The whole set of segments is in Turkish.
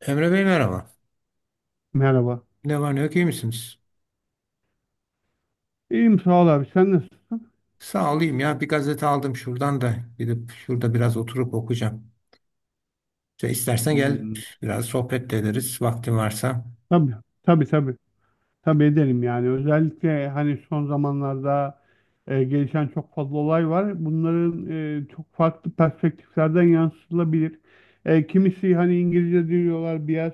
Emre Bey merhaba. Merhaba. Ne var ne yok, iyi misiniz? İyiyim, sağ ol abi. Sen nasılsın? Sağ olayım ya, bir gazete aldım şuradan, da gidip şurada biraz oturup okuyacağım. İşte istersen gel Hmm, biraz sohbet de ederiz, vaktin varsa. tabii. Tabii tabii. Tabii ederim yani. Özellikle hani son zamanlarda gelişen çok fazla olay var. Bunların, çok farklı perspektiflerden yansıtılabilir. Kimisi hani İngilizce diyorlar bias,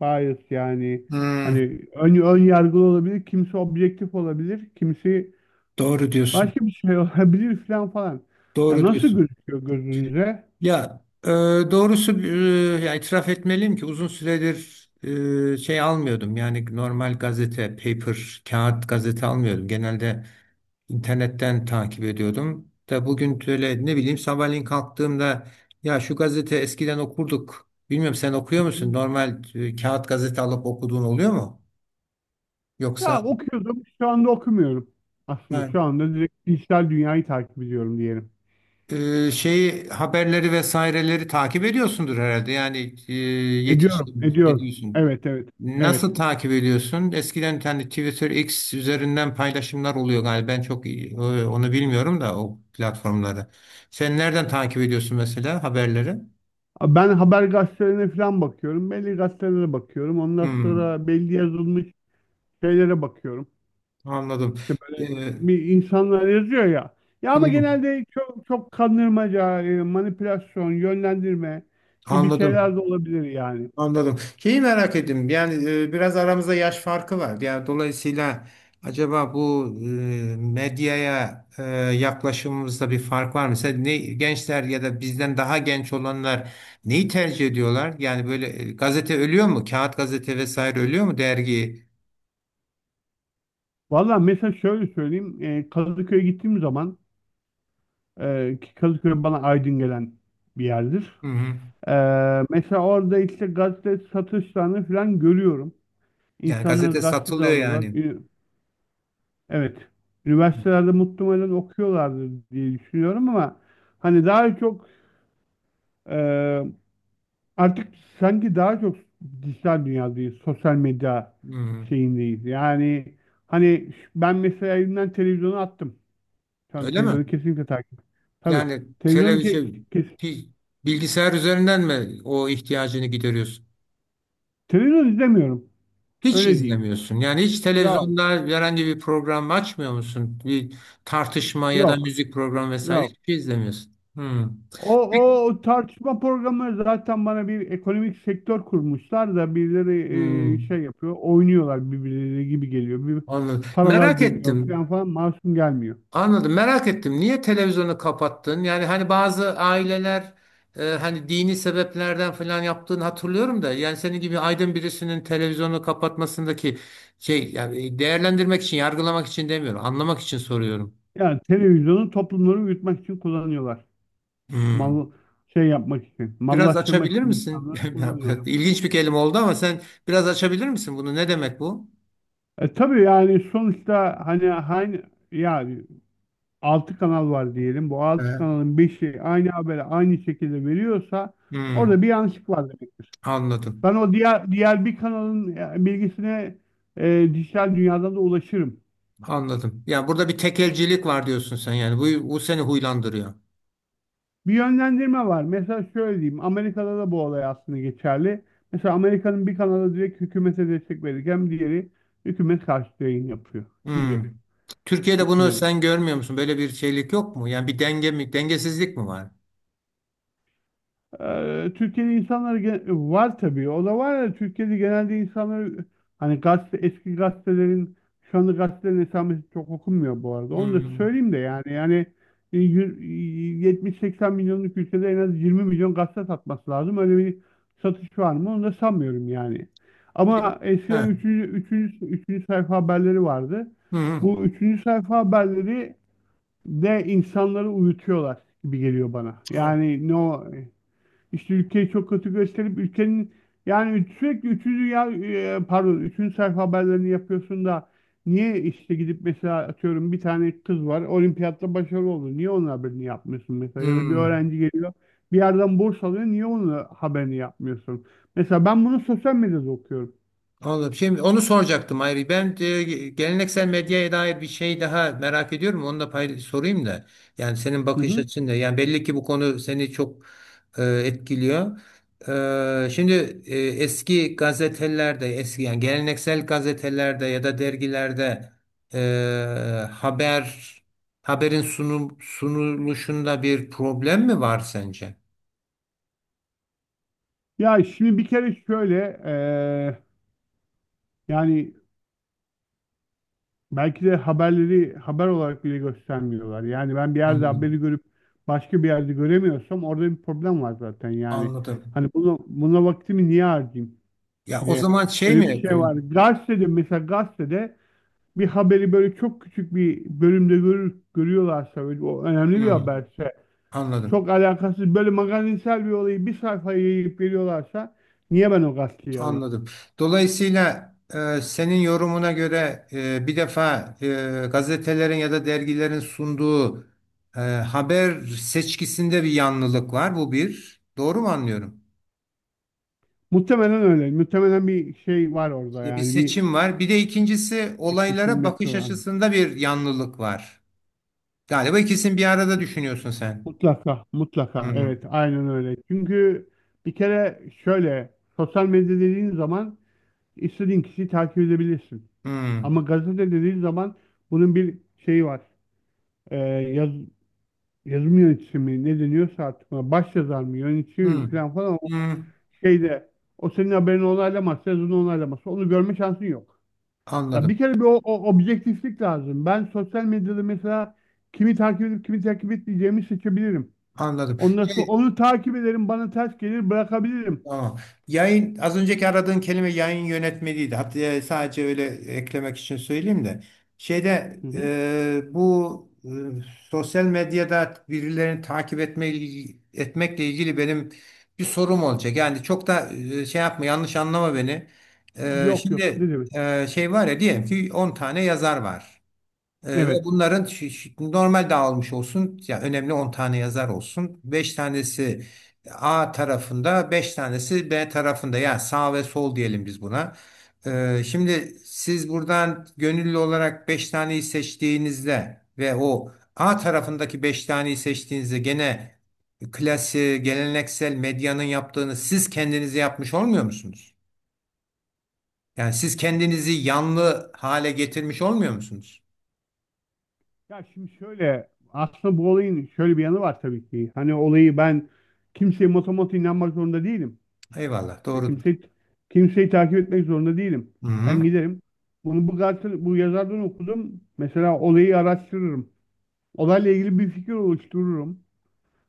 bias yani Hmm, hani ön yargılı olabilir. Kimisi objektif olabilir. Kimisi doğru diyorsun. başka bir şey olabilir falan falan. Ya Doğru nasıl diyorsun. gözüküyor gözünüze? Ya doğrusu ya itiraf etmeliyim ki uzun süredir şey almıyordum. Yani normal gazete, paper, kağıt gazete almıyordum. Genelde İnternetten takip ediyordum. Da bugün böyle ne bileyim, sabahleyin kalktığımda ya şu gazete eskiden okurduk. Bilmiyorum, sen okuyor musun? Normal kağıt gazete alıp okuduğun oluyor mu? Yoksa Ya okuyordum. Şu anda okumuyorum. Aslında yani, şu anda direkt dijital dünyayı takip ediyorum diyelim. Şeyi haberleri vesaireleri takip ediyorsundur herhalde. Yani Ediyorum, yetişkin ediyorum. ediyorsun. Evet, evet, evet. Nasıl takip ediyorsun? Eskiden hani Twitter X üzerinden paylaşımlar oluyor galiba. Ben çok onu bilmiyorum da o platformları. Sen nereden takip ediyorsun mesela haberleri? Ben haber gazetelerine falan bakıyorum. Belli gazetelere bakıyorum. Ondan Hmm, sonra belli yazılmış şeylere bakıyorum. anladım. İşte böyle Ee, bir insanlar yazıyor ya. Ya ama hmm, genelde çok çok kandırmaca, manipülasyon, yönlendirme gibi anladım. şeyler de olabilir yani. Anladım. Şeyi merak ettim. Yani biraz aramızda yaş farkı var. Yani dolayısıyla acaba bu medyaya yaklaşımımızda bir fark var mı? Mesela ne, gençler ya da bizden daha genç olanlar neyi tercih ediyorlar? Yani böyle gazete ölüyor mu? Kağıt gazete vesaire ölüyor mu, dergi? Valla mesela şöyle söyleyeyim. Kadıköy'e gittiğim zaman, ki Kadıköy bana aydın gelen bir yerdir. Hı hı. Mesela orada işte gazete satışlarını falan görüyorum. Yani İnsanlar gazete gazete de satılıyor alıyorlar. yani. Evet. Üniversitelerde muhtemelen okuyorlardır diye düşünüyorum ama hani daha çok, e, artık sanki daha çok dijital dünyadayız. Sosyal medya Hı hı. şeyindeyiz. Yani hani ben mesela evimden televizyonu attım. Şu an Öyle mi? televizyonu kesinlikle takip. Tabii. Yani Televizyonu ke televizyon, kes- bi- bilgisayar üzerinden mi o ihtiyacını gideriyorsun? televizyon izlemiyorum. Hiç Öyle diyeyim. izlemiyorsun. Yani hiç Yok, televizyonda herhangi bir program açmıyor musun? Bir tartışma ya da yok, müzik programı vesaire yok. hiçbir şey izlemiyorsun. Hmm. O, Peki- o, o tartışma programı zaten bana bir ekonomik sektör kurmuşlar da birileri hmm, şey yapıyor, oynuyorlar birbirleri gibi geliyor. Bir anladım. paralar Merak dönüyor ettim. falan falan, masum gelmiyor. Anladım. Merak ettim. Niye televizyonu kapattın? Yani hani bazı aileler hani dini sebeplerden falan yaptığını hatırlıyorum da, yani senin gibi aydın birisinin televizyonu kapatmasındaki şey, yani değerlendirmek için, yargılamak için demiyorum. Anlamak için soruyorum. Yani televizyonu toplumları uyutmak için kullanıyorlar. Hmm. Mal şey yapmak için, Biraz mallaştırmak açabilir için misin? insanları kullanıyorlar. İlginç bir kelime oldu ama sen biraz açabilir misin bunu? Ne demek bu? Tabii yani sonuçta hani hani yani altı kanal var diyelim. Bu altı Ee, kanalın beşi aynı haberi aynı şekilde veriyorsa Hmm, orada bir yanlışlık var demektir. anladım. Ben o diğer bir kanalın, bilgisine, dijital dünyadan da ulaşırım. Anladım. Yani burada bir tekelcilik var diyorsun sen yani. Bu, bu seni huylandırıyor. Bir yönlendirme var. Mesela şöyle diyeyim. Amerika'da da bu olay aslında geçerli. Mesela Amerika'nın bir kanalı direkt hükümete destek verirken diğeri hükümet karşıtı yayın yapıyor gibi Hmm. Türkiye'de bunu düşünelim. sen görmüyor musun? Böyle bir şeylik yok mu? Yani bir denge mi, dengesizlik mi var? Türkiye'de insanlar var tabii. O da var ya, Türkiye'de genelde insanlar hani gazete, eski gazetelerin, şu anda gazetelerin esamesi çok okunmuyor bu arada. Onu da Hmm. söyleyeyim de yani e, yü- 70-80 milyonluk ülkede en az 20 milyon gazete satması lazım. Öyle bir satış var mı? Onu da sanmıyorum yani. Pe- Ama eskiden ha. 3. 3. sayfa haberleri vardı. Hmm. Bu 3. sayfa haberleri de insanları uyutuyorlar gibi geliyor bana. Yani no, işte ülkeyi çok kötü gösterip ülkenin, yani sürekli üçüncü ya, pardon, üçüncü sayfa haberlerini yapıyorsun da niye işte gidip mesela atıyorum bir tane kız var olimpiyatta başarılı oldu. Niye onun haberini yapmıyorsun mesela, ya da bir Hmm. öğrenci geliyor bir yerden burs alıyor, niye onun haberini yapmıyorsun? Mesela ben bunu sosyal medyada okuyorum. Anladım. Şimdi onu soracaktım ayrı. Ben geleneksel medyaya dair bir şey daha merak ediyorum. Onu da sorayım da. Yani senin Hı bakış hı. açın da. Yani belli ki bu konu seni çok etkiliyor. Şimdi eski gazetelerde, eski yani geleneksel gazetelerde ya da dergilerde e, haber haberin sunuluşunda bir problem mi var sence? Ya şimdi bir kere şöyle, e, yani belki de haberleri haber olarak bile göstermiyorlar. Yani ben bir yerde Hmm, haberi görüp başka bir yerde göremiyorsam orada bir problem var zaten. Yani anladım. hani bunu buna vaktimi niye harcayayım? Ya Bir o de zaman şey öyle bir mi? şey var. Gazetede, mesela gazetede bir haberi böyle çok küçük bir bölümde görüyorlarsa, böyle o önemli bir Hmm, haberse, anladım. çok alakasız böyle magazinsel bir olayı bir sayfaya yayıp veriyorlarsa niye ben o gazeteyi alayım? Anladım. Dolayısıyla senin yorumuna göre bir defa gazetelerin ya da dergilerin sunduğu haber seçkisinde bir yanlılık var. Bu bir. Doğru mu anlıyorum? Muhtemelen öyle. Muhtemelen bir şey var orada, Ya bir yani bir seçim var. Bir de ikincisi, bir olaylara seçim bakış yapıyorlar. açısında bir yanlılık var. Galiba ikisini bir arada düşünüyorsun sen. Mutlaka, Hı mutlaka. hı. Evet, aynen öyle. Çünkü bir kere şöyle, sosyal medya dediğin zaman istediğin kişiyi takip edebilirsin. Hı Ama gazete dediğin zaman bunun bir şeyi var. Ee, yaz, yazım yöneticisi mi ne deniyorsa artık ona, baş yazar mı, yönetici mi hı. falan falan, o Hı. şeyde o senin haberini onaylamazsa, yazını onaylamazsa onu görme şansın yok. Ya bir Anladım. kere bir o objektiflik lazım. Ben sosyal medyada mesela kimi takip edip kimi takip etmeyeceğimi seçebilirim. Anladım. Ondan sonra Şey, onu takip ederim. Bana ters gelir bırakabilirim. tamam. Yayın, az önceki aradığın kelime yayın yönetmeliydi. Hatta sadece öyle eklemek için söyleyeyim de. Şeyde Hı hı. Bu sosyal medyada birilerini takip etme, etmekle ilgili benim bir sorum olacak. Yani çok da şey yapma, yanlış anlama beni. Yok yok. Şimdi Ne demek? Şey var ya, diyelim ki 10 tane yazar var. Ve Evet. bunların normal dağılmış olsun. Yani önemli 10 tane yazar olsun. Beş tanesi A tarafında, 5 tanesi B tarafında. Yani sağ ve sol diyelim biz buna. Şimdi siz buradan gönüllü olarak 5 taneyi seçtiğinizde ve o A tarafındaki 5 taneyi seçtiğinizde gene klasiği, geleneksel medyanın yaptığını siz kendinize yapmış olmuyor musunuz? Yani siz kendinizi yanlı hale getirmiş olmuyor musunuz? Ya şimdi şöyle, aslında bu olayın şöyle bir yanı var tabii ki. Hani olayı ben kimseye motomot inanmak zorunda değilim. Eyvallah, Ya doğrudur. kimseyi takip etmek zorunda değilim. Hı hı. Ben giderim. Bunu bu gazete, bu yazardan okudum. Mesela olayı araştırırım. Olayla ilgili bir fikir oluştururum.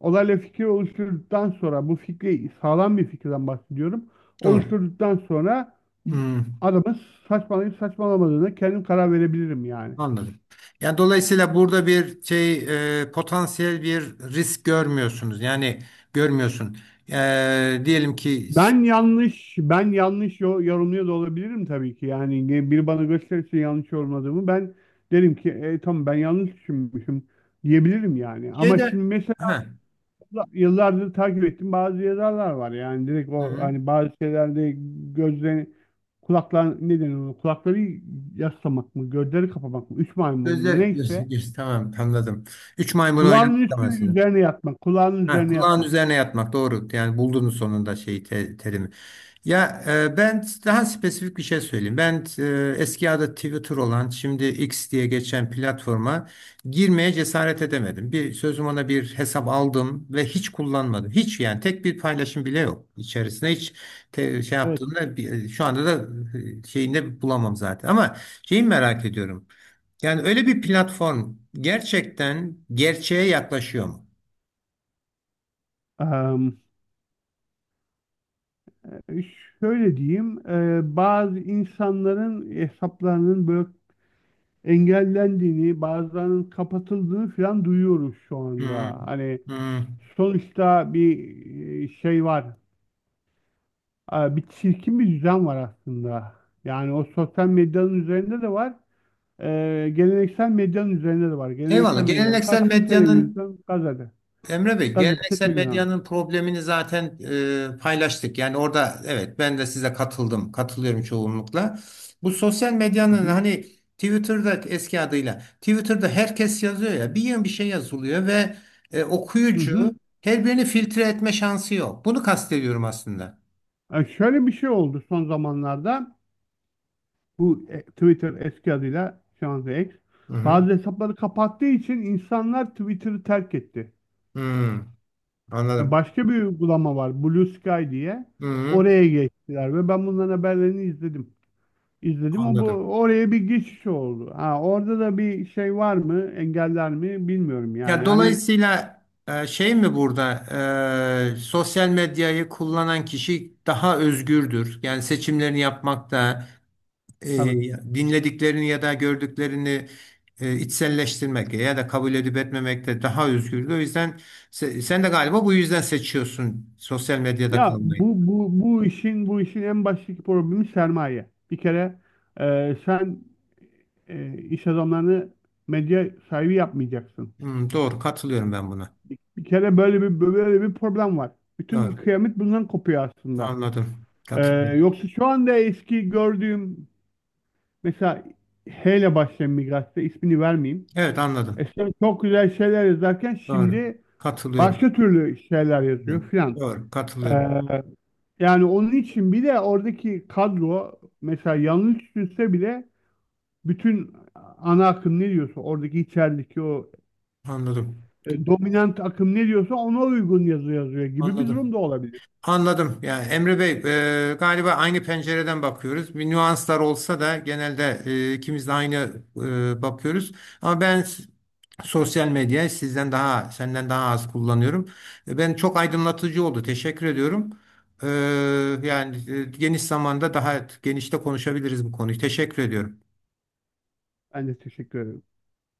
Olayla fikir oluşturduktan sonra bu fikri, sağlam bir fikirden bahsediyorum. Doğru. Oluşturduktan sonra Hmm, adamın saçmalayıp saçmalamadığına kendim karar verebilirim yani. anladım. Yani dolayısıyla burada bir şey, potansiyel bir risk görmüyorsunuz. Yani görmüyorsun. Diyelim ki Ben yanlış yorumluyor da olabilirim tabii ki. Yani biri bana gösterirse yanlış yorumladığımı, ben derim ki tamam ben yanlış düşünmüşüm, diyebilirim yani. Ama şeyde şimdi mesela ha, yıllardır takip ettiğim bazı yazarlar var. Yani direkt hı o hı. hani bazı şeylerde gözlerini, kulaklar ne denir ona? Kulakları yaslamak mı? Gözleri kapamak mı? Üç maymun Gözler, mu? Neyse. Tamam anladım. Üç maymun Kulağının oynamak da mesela. üzerine yatmak. Kulağının Ha, üzerine kulağın yatmak. üzerine yatmak doğru. Yani buldunuz sonunda şeyi, terimi. Ya ben daha spesifik bir şey söyleyeyim. Ben eski adı Twitter olan şimdi X diye geçen platforma girmeye cesaret edemedim. Bir sözüm ona bir hesap aldım ve hiç kullanmadım. Hiç, yani tek bir paylaşım bile yok içerisinde, hiç şey Evet. yaptığımda şu anda da şeyinde bulamam zaten. Ama şeyi merak ediyorum. Yani öyle bir platform gerçekten gerçeğe yaklaşıyor mu? Am, şöyle diyeyim. Bazı insanların hesaplarının böyle engellendiğini, bazılarının kapatıldığını falan duyuyoruz şu anda. Hmm, Hani hmm. sonuçta bir, şey var. Bir çirkin bir düzen var aslında. Yani o sosyal medyanın üzerinde de var. Geleneksel medyanın üzerinde de var. Eyvallah. Geleneksel medyadan Geleneksel kastım medyanın televizyon, gazete. Emre Bey, Gazete, geleneksel televizyon. medyanın problemini zaten paylaştık. Yani orada evet, ben de size katılıyorum çoğunlukla. Bu sosyal Hı medyanın hı. hani Twitter'da, eski adıyla Twitter'da herkes yazıyor ya, bir yığın bir şey yazılıyor ve Hı okuyucu hı. her birini filtre etme şansı yok. Bunu kastediyorum aslında. Şöyle bir şey oldu son zamanlarda. Bu, Twitter eski adıyla şu anda X. Hı hı. Bazı hesapları kapattığı için insanlar Twitter'ı terk etti. Hmm, anladım. Başka bir uygulama var, Blue Sky diye. Hı hı. Oraya geçtiler ve ben bunların haberlerini izledim. İzledim. O bu Anladım. oraya bir geçiş oldu. Ha, orada da bir şey var mı? Engeller mi? Bilmiyorum yani. Ya Hani dolayısıyla şey mi burada, sosyal medyayı kullanan kişi daha özgürdür. Yani seçimlerini yapmakta, e, tabii. dinlediklerini ya da gördüklerini içselleştirmekte ya da kabul edip etmemekte daha özgürdür. O yüzden sen de galiba bu yüzden seçiyorsun sosyal medyada Ya kalmayı. bu işin en baştaki problemi sermaye. Bir kere sen, iş adamlarını medya sahibi yapmayacaksın. Hmm, doğru, katılıyorum ben buna. Bir kere böyle bir problem var. Bütün Doğru. kıyamet bundan kopuyor aslında. Anladım. E, Katılıyorum. yoksa şu anda eski gördüğüm mesela H ile başlayan Migras'ta, ismini vermeyeyim. Evet, anladım. İşte çok güzel şeyler yazarken Doğru. şimdi Katılıyorum. başka türlü şeyler yazıyor filan. Doğru. Ee, Katılıyorum. yani onun için bir de oradaki kadro, mesela yanlış düşünse bile, bütün ana akım ne diyorsa, oradaki içerideki o, Anladım. Dominant akım ne diyorsa ona uygun yazı yazıyor gibi bir Anladım. durum da olabilir. Anladım. Yani Emre Bey, galiba aynı pencereden bakıyoruz. Bir nüanslar olsa da genelde ikimiz de aynı bakıyoruz. Ama ben sosyal medyayı sizden daha, senden daha az kullanıyorum. Ben çok aydınlatıcı oldu. Teşekkür ediyorum. E, yani geniş zamanda daha genişte konuşabiliriz bu konuyu. Teşekkür ediyorum. Ben de teşekkür ederim.